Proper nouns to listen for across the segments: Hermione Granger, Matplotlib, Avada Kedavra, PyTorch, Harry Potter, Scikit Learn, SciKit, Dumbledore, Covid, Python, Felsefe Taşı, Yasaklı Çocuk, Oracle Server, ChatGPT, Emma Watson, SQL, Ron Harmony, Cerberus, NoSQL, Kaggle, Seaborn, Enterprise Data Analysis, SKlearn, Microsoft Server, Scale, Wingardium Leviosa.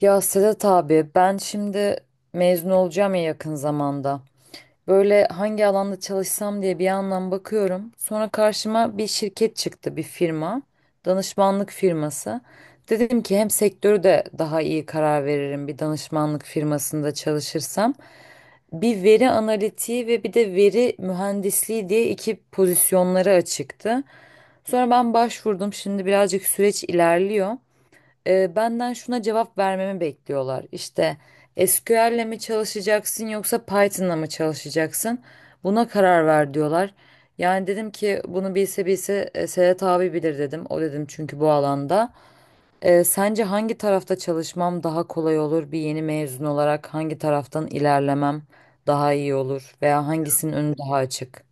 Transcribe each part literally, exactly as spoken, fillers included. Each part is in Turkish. Ya Sedat abi ben şimdi mezun olacağım ya yakın zamanda. Böyle hangi alanda çalışsam diye bir yandan bakıyorum. Sonra karşıma bir şirket çıktı, bir firma. Danışmanlık firması. Dedim ki hem sektörü de daha iyi karar veririm bir danışmanlık firmasında çalışırsam. Bir veri analitiği ve bir de veri mühendisliği diye iki pozisyonları açıktı. Sonra ben başvurdum. Şimdi birazcık süreç ilerliyor, e, benden şuna cevap vermemi bekliyorlar. İşte S Q L'le mi çalışacaksın yoksa Python'la mı çalışacaksın? Buna karar ver diyorlar. Yani dedim ki bunu bilse bilse e, Sedat abi bilir dedim. O dedim çünkü bu alanda. E, sence hangi tarafta çalışmam daha kolay olur? Bir yeni mezun olarak hangi taraftan ilerlemem daha iyi olur? Veya hangisinin önü daha açık?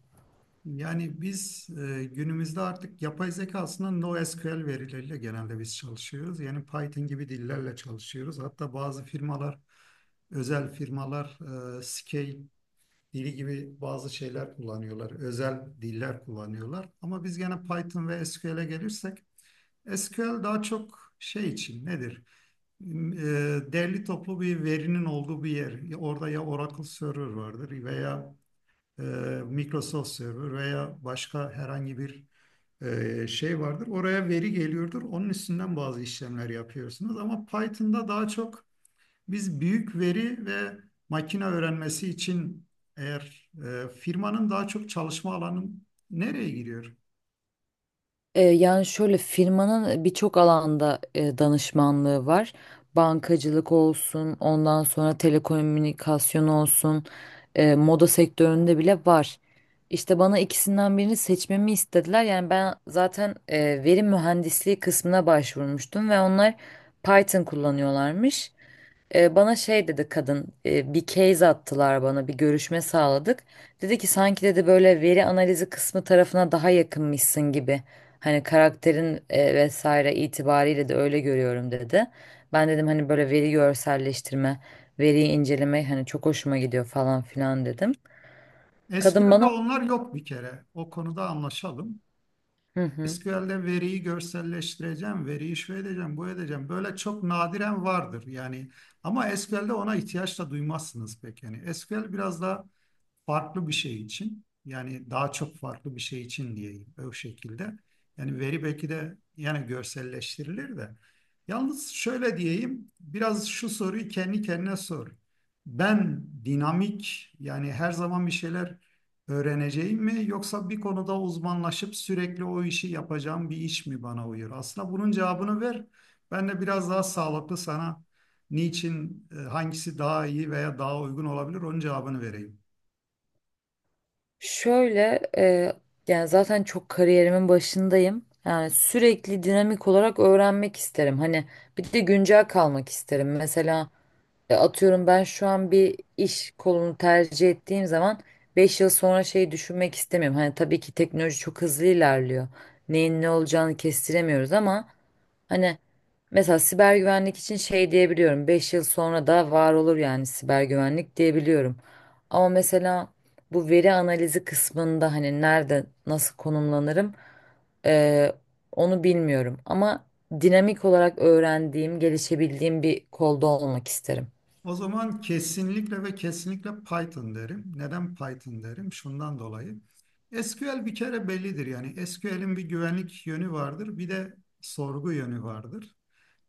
Yani biz e, günümüzde artık yapay zeka aslında NoSQL verileriyle genelde biz çalışıyoruz. Yani Python gibi dillerle çalışıyoruz. Hatta bazı firmalar, özel firmalar e, Scale dili gibi bazı şeyler kullanıyorlar. Özel diller kullanıyorlar. Ama biz gene Python ve S Q L'e gelirsek S Q L daha çok şey için nedir? E, Derli toplu bir verinin olduğu bir yer. Orada ya Oracle Server vardır veya e, Microsoft Server veya başka herhangi bir e, şey vardır. Oraya veri geliyordur. Onun üstünden bazı işlemler yapıyorsunuz. Ama Python'da daha çok biz büyük veri ve makine öğrenmesi için eğer e, firmanın daha çok çalışma alanı nereye giriyor? E, Yani şöyle, firmanın birçok alanda e, danışmanlığı var. Bankacılık olsun, ondan sonra telekomünikasyon olsun, e, moda sektöründe bile var. İşte bana ikisinden birini seçmemi istediler. Yani ben zaten e, veri mühendisliği kısmına başvurmuştum ve onlar Python kullanıyorlarmış. E, bana şey dedi kadın, e, bir case attılar, bana bir görüşme sağladık. Dedi ki sanki dedi böyle veri analizi kısmı tarafına daha yakınmışsın gibi. Hani karakterin e, vesaire itibariyle de öyle görüyorum dedi. Ben dedim hani böyle veri görselleştirme, veriyi inceleme hani çok hoşuma gidiyor falan filan dedim. Kadın S Q L'de bana onlar yok bir kere. O konuda anlaşalım. hı hı. S Q L'de veriyi görselleştireceğim, veriyi şu edeceğim, bu edeceğim. Böyle çok nadiren vardır yani. Ama S Q L'de ona ihtiyaç da duymazsınız pek. Yani S Q L biraz daha farklı bir şey için. Yani daha çok farklı bir şey için diyeyim o şekilde. Yani veri belki de yani görselleştirilir de. Yalnız şöyle diyeyim, biraz şu soruyu kendi kendine sor. Ben dinamik yani her zaman bir şeyler öğreneceğim mi yoksa bir konuda uzmanlaşıp sürekli o işi yapacağım bir iş mi bana uyuyor? Aslında bunun cevabını ver. Ben de biraz daha sağlıklı sana niçin, e, hangisi daha iyi veya daha uygun olabilir onun cevabını vereyim. Şöyle, e, yani zaten çok kariyerimin başındayım. Yani sürekli dinamik olarak öğrenmek isterim. Hani bir de güncel kalmak isterim. Mesela e, atıyorum, ben şu an bir iş kolunu tercih ettiğim zaman beş yıl sonra şeyi düşünmek istemiyorum. Hani tabii ki teknoloji çok hızlı ilerliyor. Neyin ne olacağını kestiremiyoruz ama hani mesela siber güvenlik için şey diyebiliyorum. Beş yıl sonra da var olur, yani siber güvenlik diyebiliyorum. Ama mesela bu veri analizi kısmında hani nerede nasıl konumlanırım, eee, onu bilmiyorum. Ama dinamik olarak öğrendiğim, gelişebildiğim bir kolda olmak isterim. O zaman kesinlikle ve kesinlikle Python derim. Neden Python derim? Şundan dolayı. S Q L bir kere bellidir yani. S Q L'in bir güvenlik yönü vardır, bir de sorgu yönü vardır.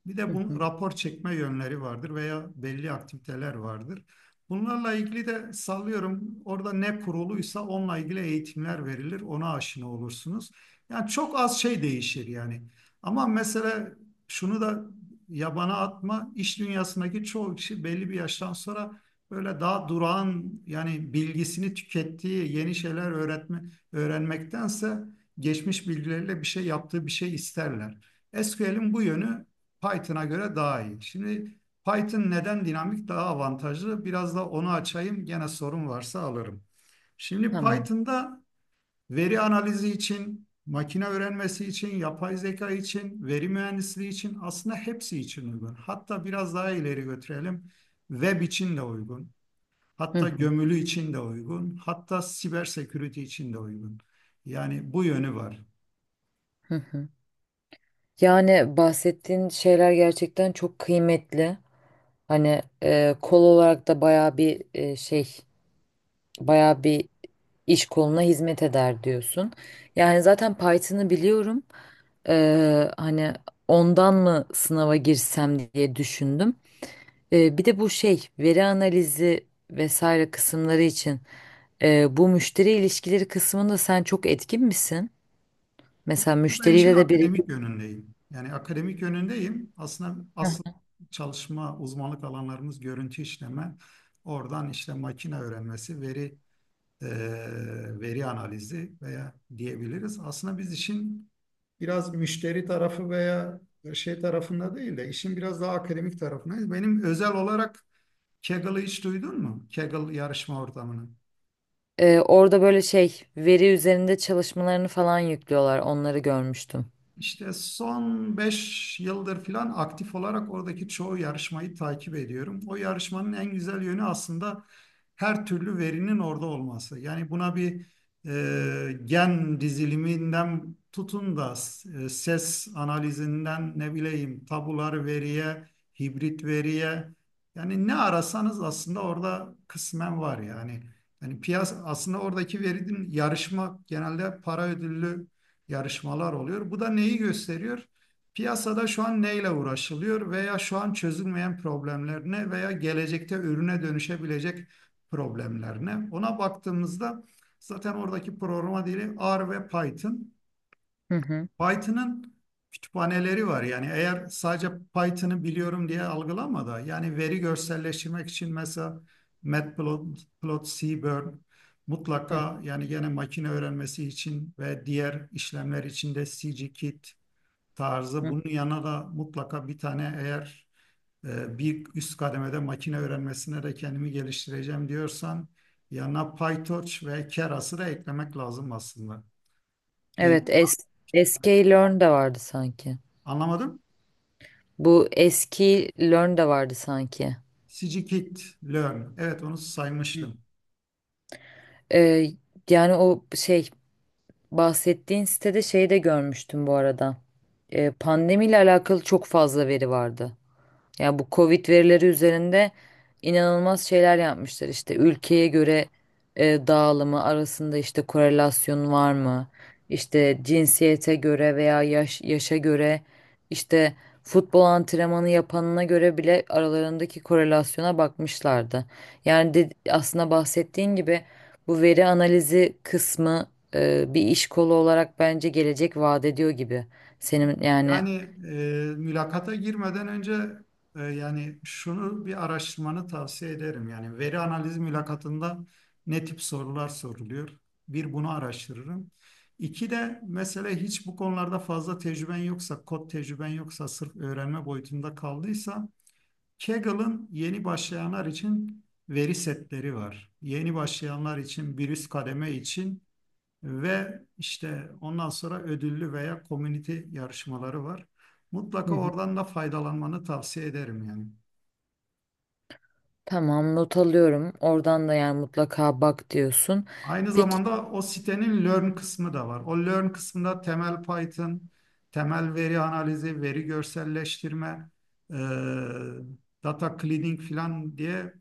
Bir Hı de bu hı, rapor çekme yönleri vardır veya belli aktiviteler vardır. Bunlarla ilgili de sallıyorum orada ne kuruluysa onunla ilgili eğitimler verilir. Ona aşina olursunuz. Yani çok az şey değişir yani. Ama mesela şunu da yabana atma. İş dünyasındaki çoğu kişi belli bir yaştan sonra böyle daha durağan yani bilgisini tükettiği yeni şeyler öğretme, öğrenmektense geçmiş bilgileriyle bir şey yaptığı bir şey isterler. S Q L'in bu yönü Python'a göre daha iyi. Şimdi Python neden dinamik daha avantajlı? Biraz da onu açayım. Gene sorun varsa alırım. Şimdi tamam. Python'da veri analizi için, makine öğrenmesi için, yapay zeka için, veri mühendisliği için aslında hepsi için uygun. Hatta biraz daha ileri götürelim. Web için de uygun. Hı Hatta hı, gömülü için de uygun. Hatta siber security için de uygun. Yani bu yönü var. hı hı. Yani bahsettiğin şeyler gerçekten çok kıymetli. Hani e, kol olarak da bayağı bir e, şey, bayağı bir iş koluna hizmet eder diyorsun. Yani zaten Python'ı biliyorum. Ee, hani ondan mı sınava girsem diye düşündüm. Ee, bir de bu şey veri analizi vesaire kısımları için e, bu müşteri ilişkileri kısmında sen çok etkin misin? Mesela Ben işin müşteriyle de bir... akademik yönündeyim. Yani akademik yönündeyim. Aslında asıl çalışma uzmanlık alanlarımız görüntü işleme, oradan işte makine öğrenmesi, veri eee, veri analizi veya diyebiliriz. Aslında biz işin biraz müşteri tarafı veya şey tarafında değil de işin biraz daha akademik tarafındayız. Benim özel olarak Kaggle'ı hiç duydun mu? Kaggle yarışma ortamını. Ee, orada böyle şey, veri üzerinde çalışmalarını falan yüklüyorlar. Onları görmüştüm. İşte son beş yıldır falan aktif olarak oradaki çoğu yarışmayı takip ediyorum. O yarışmanın en güzel yönü aslında her türlü verinin orada olması. Yani buna bir e, gen diziliminden tutun da e, ses analizinden ne bileyim tabular veriye, hibrit veriye yani ne arasanız aslında orada kısmen var yani. Yani piyasa aslında oradaki verinin yarışma genelde para ödüllü yarışmalar oluyor. Bu da neyi gösteriyor? Piyasada şu an neyle uğraşılıyor veya şu an çözülmeyen problemler ne veya gelecekte ürüne dönüşebilecek problemler ne? Ona baktığımızda zaten oradaki programa dili R ve Python. Hı hı. Python'ın kütüphaneleri var. Yani eğer sadece Python'ı biliyorum diye algılama da yani veri görselleştirmek için mesela Matplotlib, Seaborn Hı mutlaka yani gene makine öğrenmesi için ve diğer işlemler için de SciKit tarzı hı. bunun yanına da mutlaka bir tane eğer e, bir üst kademede makine öğrenmesine de kendimi geliştireceğim diyorsan yanına PyTorch ve Keras'ı da eklemek lazım aslında. İyi. Evet. S- SKlearn de vardı sanki. Anlamadım. Bu eski Learn de vardı sanki. Scikit Learn. Evet onu saymıştım. Ee, yani o şey, bahsettiğin sitede şeyi de görmüştüm bu arada. Ee, pandemiyle alakalı çok fazla veri vardı. Ya bu Covid verileri üzerinde inanılmaz şeyler yapmışlar. İşte ülkeye göre e, dağılımı arasında işte korelasyon var mı? İşte cinsiyete göre veya yaş, yaşa göre işte futbol antrenmanı yapanına göre bile aralarındaki korelasyona bakmışlardı. Yani de, aslında bahsettiğin gibi bu veri analizi kısmı e, bir iş kolu olarak bence gelecek vaat ediyor gibi. Senin yani... Yani e, mülakata girmeden önce e, yani şunu bir araştırmanı tavsiye ederim. Yani veri analiz mülakatında ne tip sorular soruluyor? Bir bunu araştırırım. İki de mesela hiç bu konularda fazla tecrüben yoksa, kod tecrüben yoksa, sırf öğrenme boyutunda kaldıysa Kaggle'ın yeni başlayanlar için veri setleri var. Yeni başlayanlar için bir üst kademe için. Ve işte ondan sonra ödüllü veya komünite yarışmaları var. Hı Mutlaka hı. oradan da faydalanmanı tavsiye ederim yani. Tamam, not alıyorum. Oradan da yani mutlaka bak diyorsun. Aynı Peki, zamanda o sitenin Learn kısmı da var. O Learn kısmında temel Python, temel veri analizi, veri görselleştirme, e, data cleaning falan diye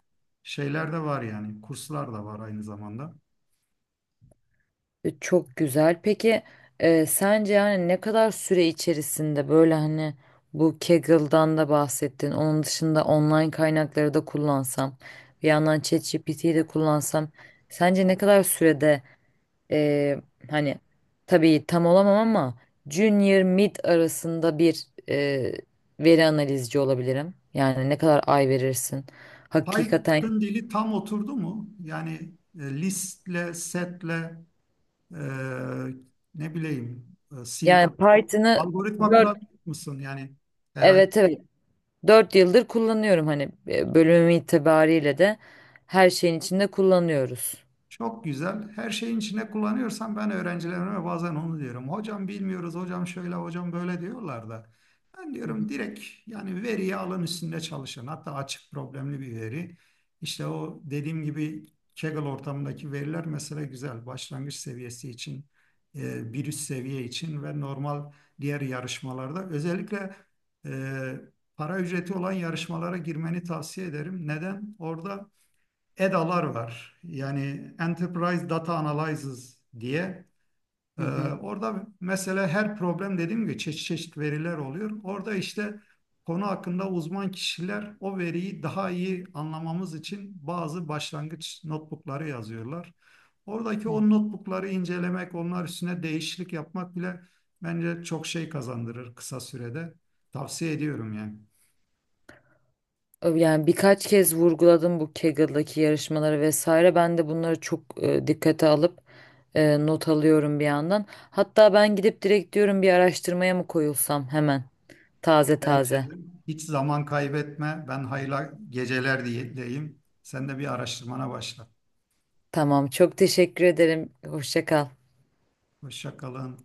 şeyler de var yani. Kurslar da var aynı zamanda. e, çok güzel. Peki e, sence yani ne kadar süre içerisinde böyle hani, bu Kaggle'dan da bahsettin. Onun dışında online kaynakları da kullansam, bir yandan ChatGPT'yi yi de kullansam sence ne kadar sürede, e, hani tabii tam olamam ama junior mid arasında bir e, veri analizci olabilirim. Yani ne kadar ay verirsin? Hakikaten... Python dili tam oturdu mu? Yani e, listle, setle Eee, ne bileyim e, Yani sintaksi, Python'ı algoritma dört kurabilir misin? Yani herhangi. evet evet dört yıldır kullanıyorum, hani e, bölümüm itibariyle de her şeyin içinde kullanıyoruz. Çok güzel. Her şeyin içine kullanıyorsan ben öğrencilerime bazen onu diyorum. Hocam bilmiyoruz, hocam şöyle, hocam böyle diyorlar da. Ben Hı, diyorum direkt yani veriyi alın üstünde çalışın. Hatta açık problemli bir veri. İşte o dediğim gibi Kaggle ortamındaki veriler mesela güzel. Başlangıç seviyesi için, e, bir üst seviye için ve normal diğer yarışmalarda. Özellikle e, para ücreti olan yarışmalara girmeni tavsiye ederim. Neden? Orada E D A'lar var. Yani Enterprise Data Analysis diye. hı Ee, hı, orada mesela her problem dediğim gibi çeşit çeşit veriler oluyor. Orada işte konu hakkında uzman kişiler o veriyi daha iyi anlamamız için bazı başlangıç notebookları yazıyorlar. Oradaki hı. o notebookları incelemek, onlar üstüne değişiklik yapmak bile bence çok şey kazandırır kısa sürede. Tavsiye ediyorum yani. Ö- Yani birkaç kez vurguladım bu Kaggle'daki yarışmaları vesaire. Ben de bunları çok e, dikkate alıp e, not alıyorum bir yandan. Hatta ben gidip direkt diyorum bir araştırmaya mı koyulsam hemen, taze Bence taze. de hiç zaman kaybetme. Ben hayırlı geceler diyeyim. Sen de bir araştırmana başla. Tamam, çok teşekkür ederim. Hoşça kal. Hoşça kalın.